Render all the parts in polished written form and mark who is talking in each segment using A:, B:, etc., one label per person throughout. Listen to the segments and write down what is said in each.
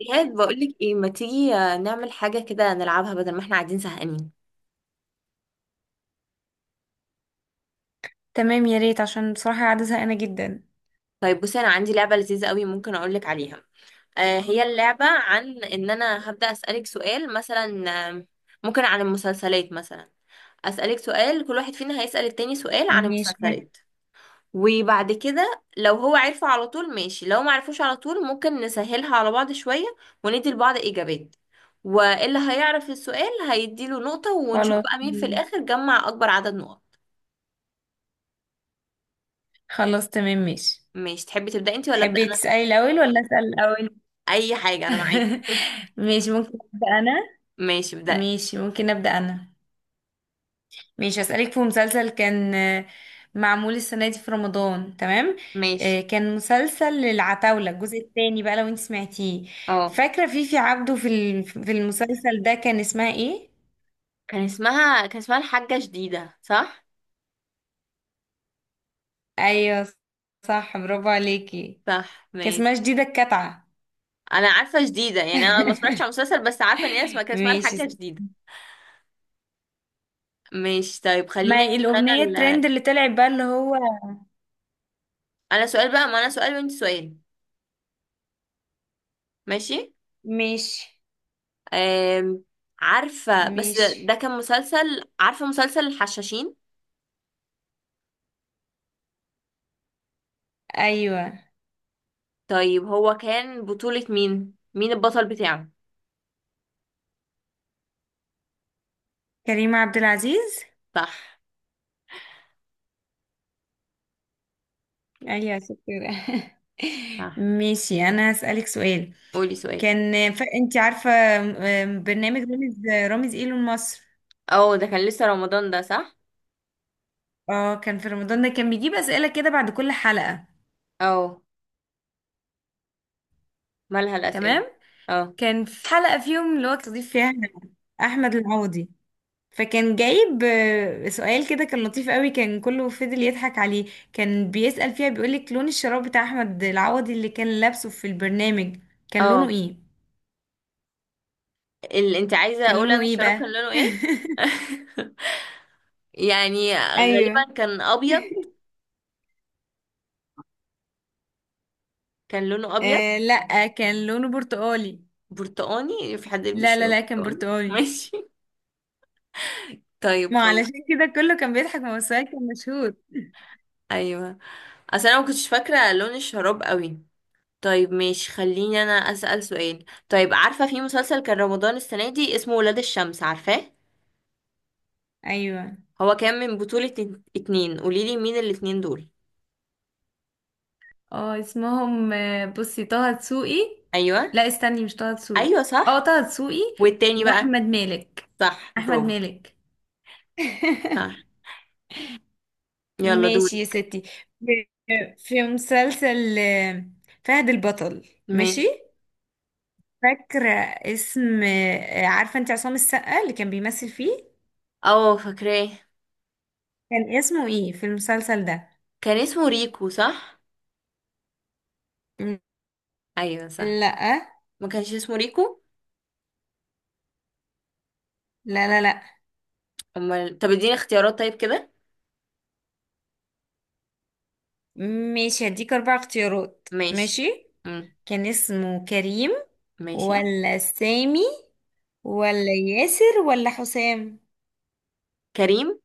A: ايهاب، بقولك ايه، ما تيجي نعمل حاجة كده نلعبها بدل ما احنا قاعدين زهقانين.
B: تمام، يا ريت، عشان بصراحة قاعدة زهقانة جدا.
A: طيب، بصي انا عندي لعبة لذيذة قوي ممكن اقولك عليها. آه، هي اللعبة عن ان انا هبدأ اسألك سؤال مثلا، ممكن عن المسلسلات مثلا. اسألك سؤال، كل واحد فينا هيسأل التاني سؤال عن
B: ماشي،
A: المسلسلات. وبعد كده، لو هو عرفه على طول ماشي، لو ما عرفوش على طول ممكن نسهلها على بعض شوية وندي لبعض إجابات. واللي هيعرف السؤال هيديله نقطة، ونشوف
B: خلاص
A: بقى مين في
B: تمام.
A: الآخر جمع أكبر عدد نقط.
B: خلاص تمام ماشي.
A: ماشي، تحبي تبدأي انت ولا أبدأ
B: تحبي
A: انا؟
B: تسألي الأول ولا أسأل الأول؟
A: اي حاجة، انا معاكي.
B: ماشي، ممكن أبدأ أنا.
A: ماشي، ابدأي.
B: ماشي ممكن أبدأ أنا. ماشي، أسألك في مسلسل كان معمول السنة دي في رمضان، تمام.
A: ماشي.
B: كان مسلسل العتاولة الجزء الثاني بقى، لو انت سمعتيه.
A: اه،
B: فاكرة فيفي عبده في في المسلسل ده كان اسمها ايه؟
A: كان اسمها الحاجة جديدة، صح؟
B: أيوه، صح، برافو عليكي.
A: صح،
B: كان
A: ماشي.
B: اسمها شديدة الكتعة.
A: انا عارفة جديدة، يعني انا ما اتفرجتش على المسلسل بس عارفة ان هي كان اسمها
B: ماشي.
A: الحاجة جديدة. ماشي طيب، خليني
B: ما
A: أسأل. انا
B: الأغنية الترند
A: ال...
B: اللي طلعت بقى اللي هو.
A: انا سؤال بقى، ما انا سؤال وانت سؤال. ماشي.
B: ماشي.
A: أم... عارفة، بس ده
B: ماشي.
A: كان مسلسل، عارفة مسلسل الحشاشين؟
B: أيوة.
A: طيب، هو كان بطولة مين؟ مين البطل بتاعه؟
B: كريم عبد العزيز.
A: صح.
B: أيوة، شكرا.
A: صح،
B: ماشي، أنا هسألك سؤال.
A: قولي سؤال.
B: أنت عارفة برنامج رامز. رامز إيه مصر.
A: اه، ده كان لسه رمضان ده، صح؟
B: اه، كان في رمضان ده، كان بيجيب أسئلة كده بعد كل حلقة.
A: اه. مالها الأسئلة؟
B: تمام.
A: اه.
B: كان في حلقة فيهم اللي هو تضيف فيها أحمد العوضي. فكان جايب سؤال كده كان لطيف قوي، كان كله فضل يضحك عليه. كان بيسأل فيها، بيقولك لون الشراب بتاع احمد العوضي اللي كان لابسه في البرنامج كان لونه
A: اه،
B: ايه.
A: اللي انت عايزة
B: كان
A: اقول
B: لونه
A: انا
B: ايه
A: الشراب كان
B: بقى؟
A: لونه ايه؟ يعني
B: ايوه.
A: غالبا كان ابيض. كان لونه ابيض.
B: آه، لا. كان لونه برتقالي.
A: برتقاني؟ في حد يلبس
B: لا، لا،
A: شراب
B: لا، كان
A: برتقاني؟
B: برتقالي.
A: ماشي. طيب،
B: ما
A: خلاص.
B: علشان كده كله كان بيضحك، ما هو السؤال كان مشهور.
A: ايوه. اصل انا ما كنتش فاكره لون الشراب قوي. طيب ماشي، خليني انا اسال سؤال. طيب، عارفه في مسلسل كان رمضان السنه دي اسمه ولاد الشمس، عارفاه؟
B: ايوه.
A: هو كان من بطوله اتنين، قوليلي مين الاتنين دول.
B: اه، اسمهم بصي طه دسوقي.
A: ايوه.
B: لا استني، مش طه دسوقي.
A: ايوه
B: اه،
A: صح.
B: طه دسوقي.
A: والتاني بقى؟
B: واحمد مالك.
A: صح،
B: احمد
A: برافو.
B: مالك.
A: صح. يلا،
B: ماشي
A: دوري.
B: يا ستي. في في مسلسل فهد البطل، ماشي.
A: ماشي.
B: فاكرة اسم آه، عارفة انت عصام السقا اللي كان بيمثل فيه؟
A: اه، فاكراه.
B: كان اسمه ايه في المسلسل ده؟
A: كان اسمه ريكو، صح؟
B: م-
A: ايوه صح.
B: لا.
A: ما كانش اسمه ريكو؟
B: لا، لا، لا.
A: امال طب، اديني اختيارات طيب كده.
B: ماشي، هديك اربع اختيارات،
A: ماشي.
B: ماشي.
A: امم
B: كان اسمه كريم،
A: ماشي.
B: ولا سامي، ولا ياسر، ولا حسام؟
A: كريم.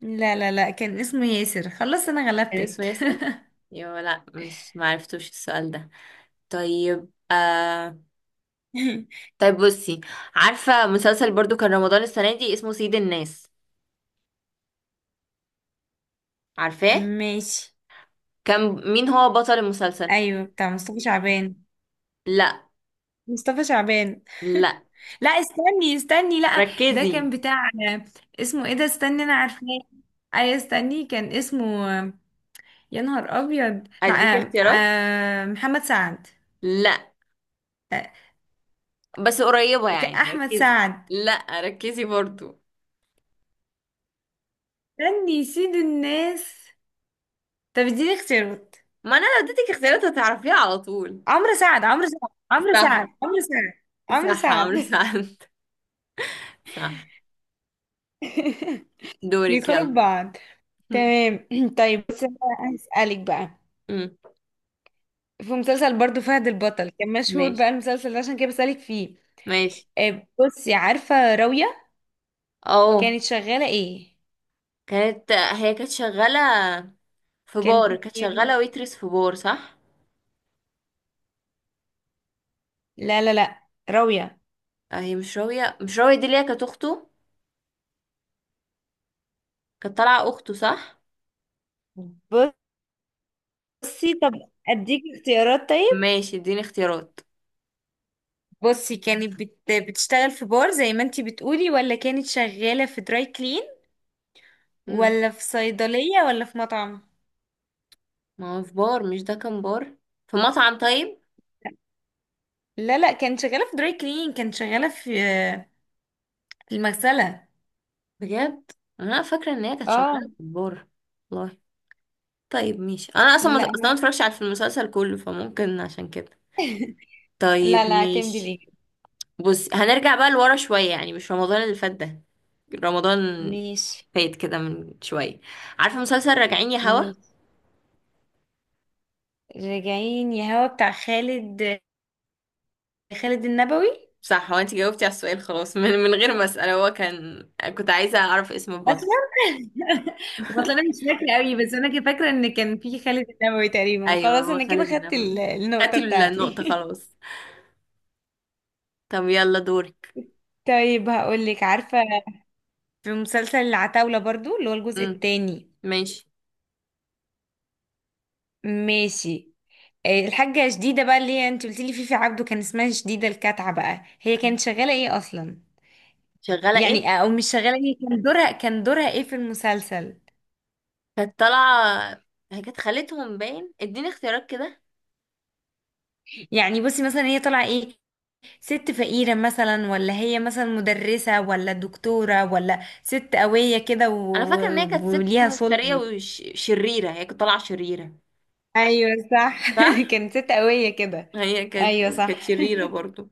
B: لا، لا، لا، كان اسمه ياسر، خلاص انا
A: كان اسمه
B: غلبتك.
A: ياسر؟ يا لا، مش معرفتوش السؤال ده. طيب. طيب، بصي. عارفة مسلسل برضو كان رمضان السنة دي اسمه سيد الناس، عارفاه؟
B: ماشي.
A: كان مين هو بطل المسلسل؟
B: ايوه، بتاع مصطفى شعبان.
A: لا.
B: مصطفى شعبان.
A: لا،
B: لا، استني استني، لا. ده
A: ركزي.
B: كان بتاع، اسمه ايه ده، استني، انا عارفاه. اي استني، كان اسمه يا نهار ابيض، مع
A: اديك اختيارات؟
B: محمد سعد.
A: لا.
B: آه،
A: بس قريبة يعني،
B: احمد
A: ركزي.
B: سعد.
A: لا، ركزي برضو.
B: استني، سيد الناس. طب اديني اختيارات.
A: ما انا لو اديتك اختيارات هتعرفيها على طول.
B: عمرو سعد، عمرو سعد، عمرو
A: صح.
B: سعد، عمرو سعد. عمرو
A: صح، عمرو
B: سعد.
A: صح. صح. دورك
B: بيدخلوا في
A: يلا.
B: بعض. تمام. طيب، بس أنا هسألك بقى.
A: أمم،
B: في مسلسل برضو فهد البطل، كان مشهور
A: ماشي.
B: بقى المسلسل ده، عشان كده بسألك فيه.
A: ماشي.
B: بصي، عارفة راوية؟
A: اه.
B: كانت شغالة ايه؟
A: هي كانت شغالة في
B: كانت
A: بار، كانت شغالة ويترس في بار، صح؟
B: لا، لا، لا. راوية.
A: هي مش راوية، مش راوية دي اللي هي كانت اخته. كانت طالعة اخته، صح؟
B: بصي، طب اديك اختيارات طيب.
A: ماشي، اديني اختيارات.
B: بصي، كانت بتشتغل في بار زي ما انتي بتقولي، ولا كانت شغالة في دراي كلين،
A: أمم،
B: ولا في صيدلية، ولا في مطعم؟
A: ما هو في بار، مش ده كان بار؟ في مطعم، طيب.
B: لا، لا، كانت شغالة في دراي كلين، كانت شغالة في المغسلة.
A: بجد؟ انا فاكره ان هي كانت شغاله
B: اه.
A: في البور. والله. طيب ماشي، انا اصلا ما
B: لا،
A: اتفرجتش على في المسلسل كله، فممكن عشان كده. طيب
B: لا، لا، اعتمدي
A: ماشي.
B: الإجابة.
A: بص، هنرجع بقى لورا شويه، يعني مش رمضان اللي فات ده. رمضان
B: ماشي.
A: فات كده من شويه. عارفه مسلسل راجعين يا هوا؟
B: ماشي، راجعين يا هوا، بتاع خالد. خالد النبوي.
A: صح، هو انت جاوبتي على السؤال خلاص. من غير ما اسال، هو كان، كنت عايزه اعرف اسم البطل.
B: اصلا. اصلا انا مش فاكره قوي، بس انا كده فاكره ان كان في خالد النبوي تقريبا،
A: ايوه،
B: خلاص
A: هو
B: انا كده
A: خالد
B: خدت
A: النبوي.
B: النقطه
A: خدتي النقطه
B: بتاعتي.
A: خلاص. طب، يلا دورك.
B: طيب، هقول لك، عارفه في مسلسل العتاوله برضو اللي هو الجزء
A: امم
B: الثاني.
A: ماشي.
B: ماشي. الحاجه شديده بقى اللي هي انت قلت لي فيفي عبده كان اسمها شديده الكتعه بقى، هي كانت شغاله ايه اصلا؟
A: شغاله ايه؟
B: يعني، او مش شغاله ايه، كان دورها ايه في المسلسل؟
A: كانت طالعة، هي كانت خالتهم باين. اديني اختيارات كده.
B: يعني، بصي، مثلا هي طالعه ايه؟ ست فقيرة مثلا، ولا هي مثلا مدرسة، ولا دكتورة، ولا ست قوية كده
A: انا فاكرة ان هي كانت ست
B: وليها
A: مفترية
B: سلطة.
A: وشريرة، هي كانت طالعة شريرة.
B: ايوه، صح.
A: صح.
B: كانت ست قوية كده.
A: هي كانت،
B: ايوه،
A: كانت
B: صح.
A: شريرة برضو.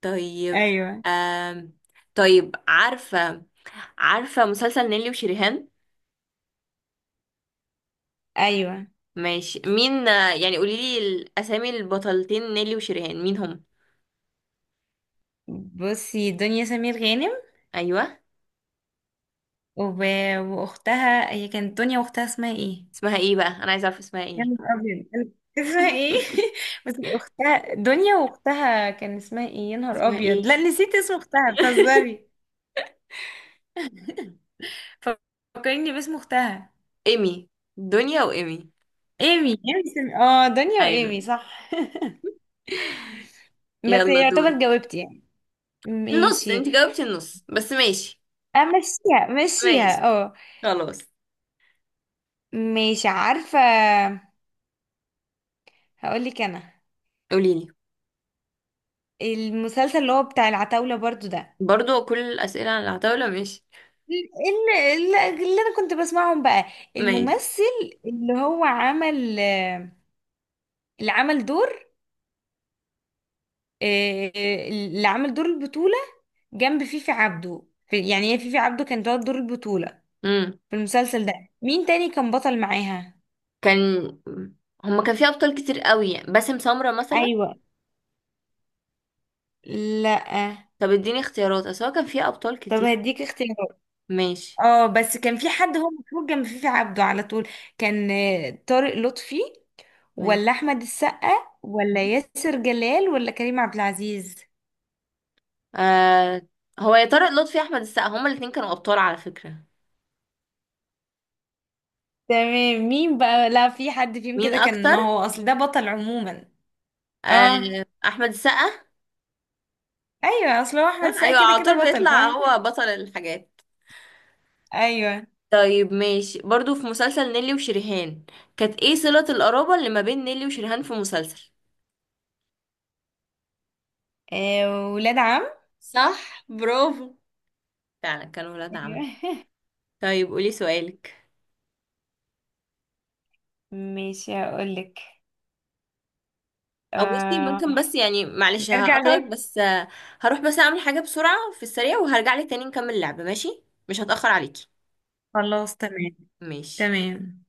A: طيب.
B: ايوه.
A: آم... طيب، عارفة، عارفة مسلسل نيلي وشريهان؟
B: ايوه،
A: ماشي، مين يعني قوليلي الاسامي، البطلتين نيلي وشريهان مين هم؟
B: بصي، دنيا سمير غانم.
A: ايوه.
B: وب... واختها. هي كانت دنيا واختها اسمها ايه؟
A: اسمها ايه بقى، انا عايزة اعرف اسمها
B: يا
A: ايه؟
B: نهار ابيض، اسمها ايه؟ بس اختها، دنيا واختها كان اسمها ايه؟ يا نهار
A: اسمها ايه؟
B: ابيض، لا، نسيت اسم اختها، بتهزري. فكريني باسم اختها.
A: ايمي. دنيا وايمي.
B: ايمي. ايمي اه، دنيا
A: ايوه.
B: وايمي، صح. بس
A: يلا دورك.
B: يعتبر جاوبتي يعني.
A: نص،
B: ماشي.
A: انت جاوبتي النص بس، ماشي.
B: مشيها،
A: ماشي.
B: اه.
A: خلاص.
B: ماشي، عارفة، هقول لك انا.
A: قوليلي.
B: المسلسل اللي هو بتاع العتاولة برضو ده،
A: برضو كل الأسئلة على العتاولة؟ ماشي.
B: اللي, اللي انا كنت بسمعهم بقى.
A: ماشي.
B: الممثل اللي هو عمل اللي عمل دور آه، اللي عمل دور البطولة جنب فيفي عبده. يعني، هي فيفي عبده كانت واخدة دور البطولة
A: امم
B: في المسلسل ده، مين تاني كان بطل معاها؟
A: كان هما كان فيه أبطال كتير قوي، يعني باسم سمرة مثلا.
B: ايوه. لا.
A: طب اديني اختيارات، أصل هو كان فيه أبطال
B: طب
A: كتير.
B: هديك اختيارات.
A: ماشي.
B: اه، بس كان في حد هو مشهور جنب فيفي عبده على طول. كان طارق لطفي،
A: ماشي.
B: ولا احمد السقا، ولا ياسر جلال، ولا كريم عبد العزيز؟
A: آه هو يا طارق لطفي أحمد السقا، هما الاتنين كانوا أبطال على فكرة.
B: تمام. مين بقى؟ لا، في حد فيهم
A: مين
B: كده كان، ما
A: أكتر؟
B: هو اصل ده بطل عموما. اه.
A: آه، أحمد السقا.
B: ايوه، اصل هو احمد
A: صح؟
B: السقا
A: أيوة،
B: كده
A: على طول
B: كده بطل،
A: بيطلع
B: فاهم.
A: هو بطل الحاجات.
B: ايوه.
A: طيب ماشي، برضو في مسلسل نيلي وشريهان، كانت ايه صلة القرابة اللي ما بين نيلي وشريهان في مسلسل؟
B: ولاد عم.
A: صح، برافو. فعلا كانوا ولاد عم.
B: ايوه.
A: طيب، قولي سؤالك.
B: ماشي، هقولك
A: او بصي،
B: آه...
A: ممكن بس يعني معلش
B: نرجع
A: هقطعك
B: لورا.
A: بس، هروح بس اعمل حاجة بسرعة في السريع، وهرجع لك تاني نكمل اللعبة، ماشي؟ مش هتأخر عليكي.
B: خلاص تمام.
A: ماشي.
B: تمام.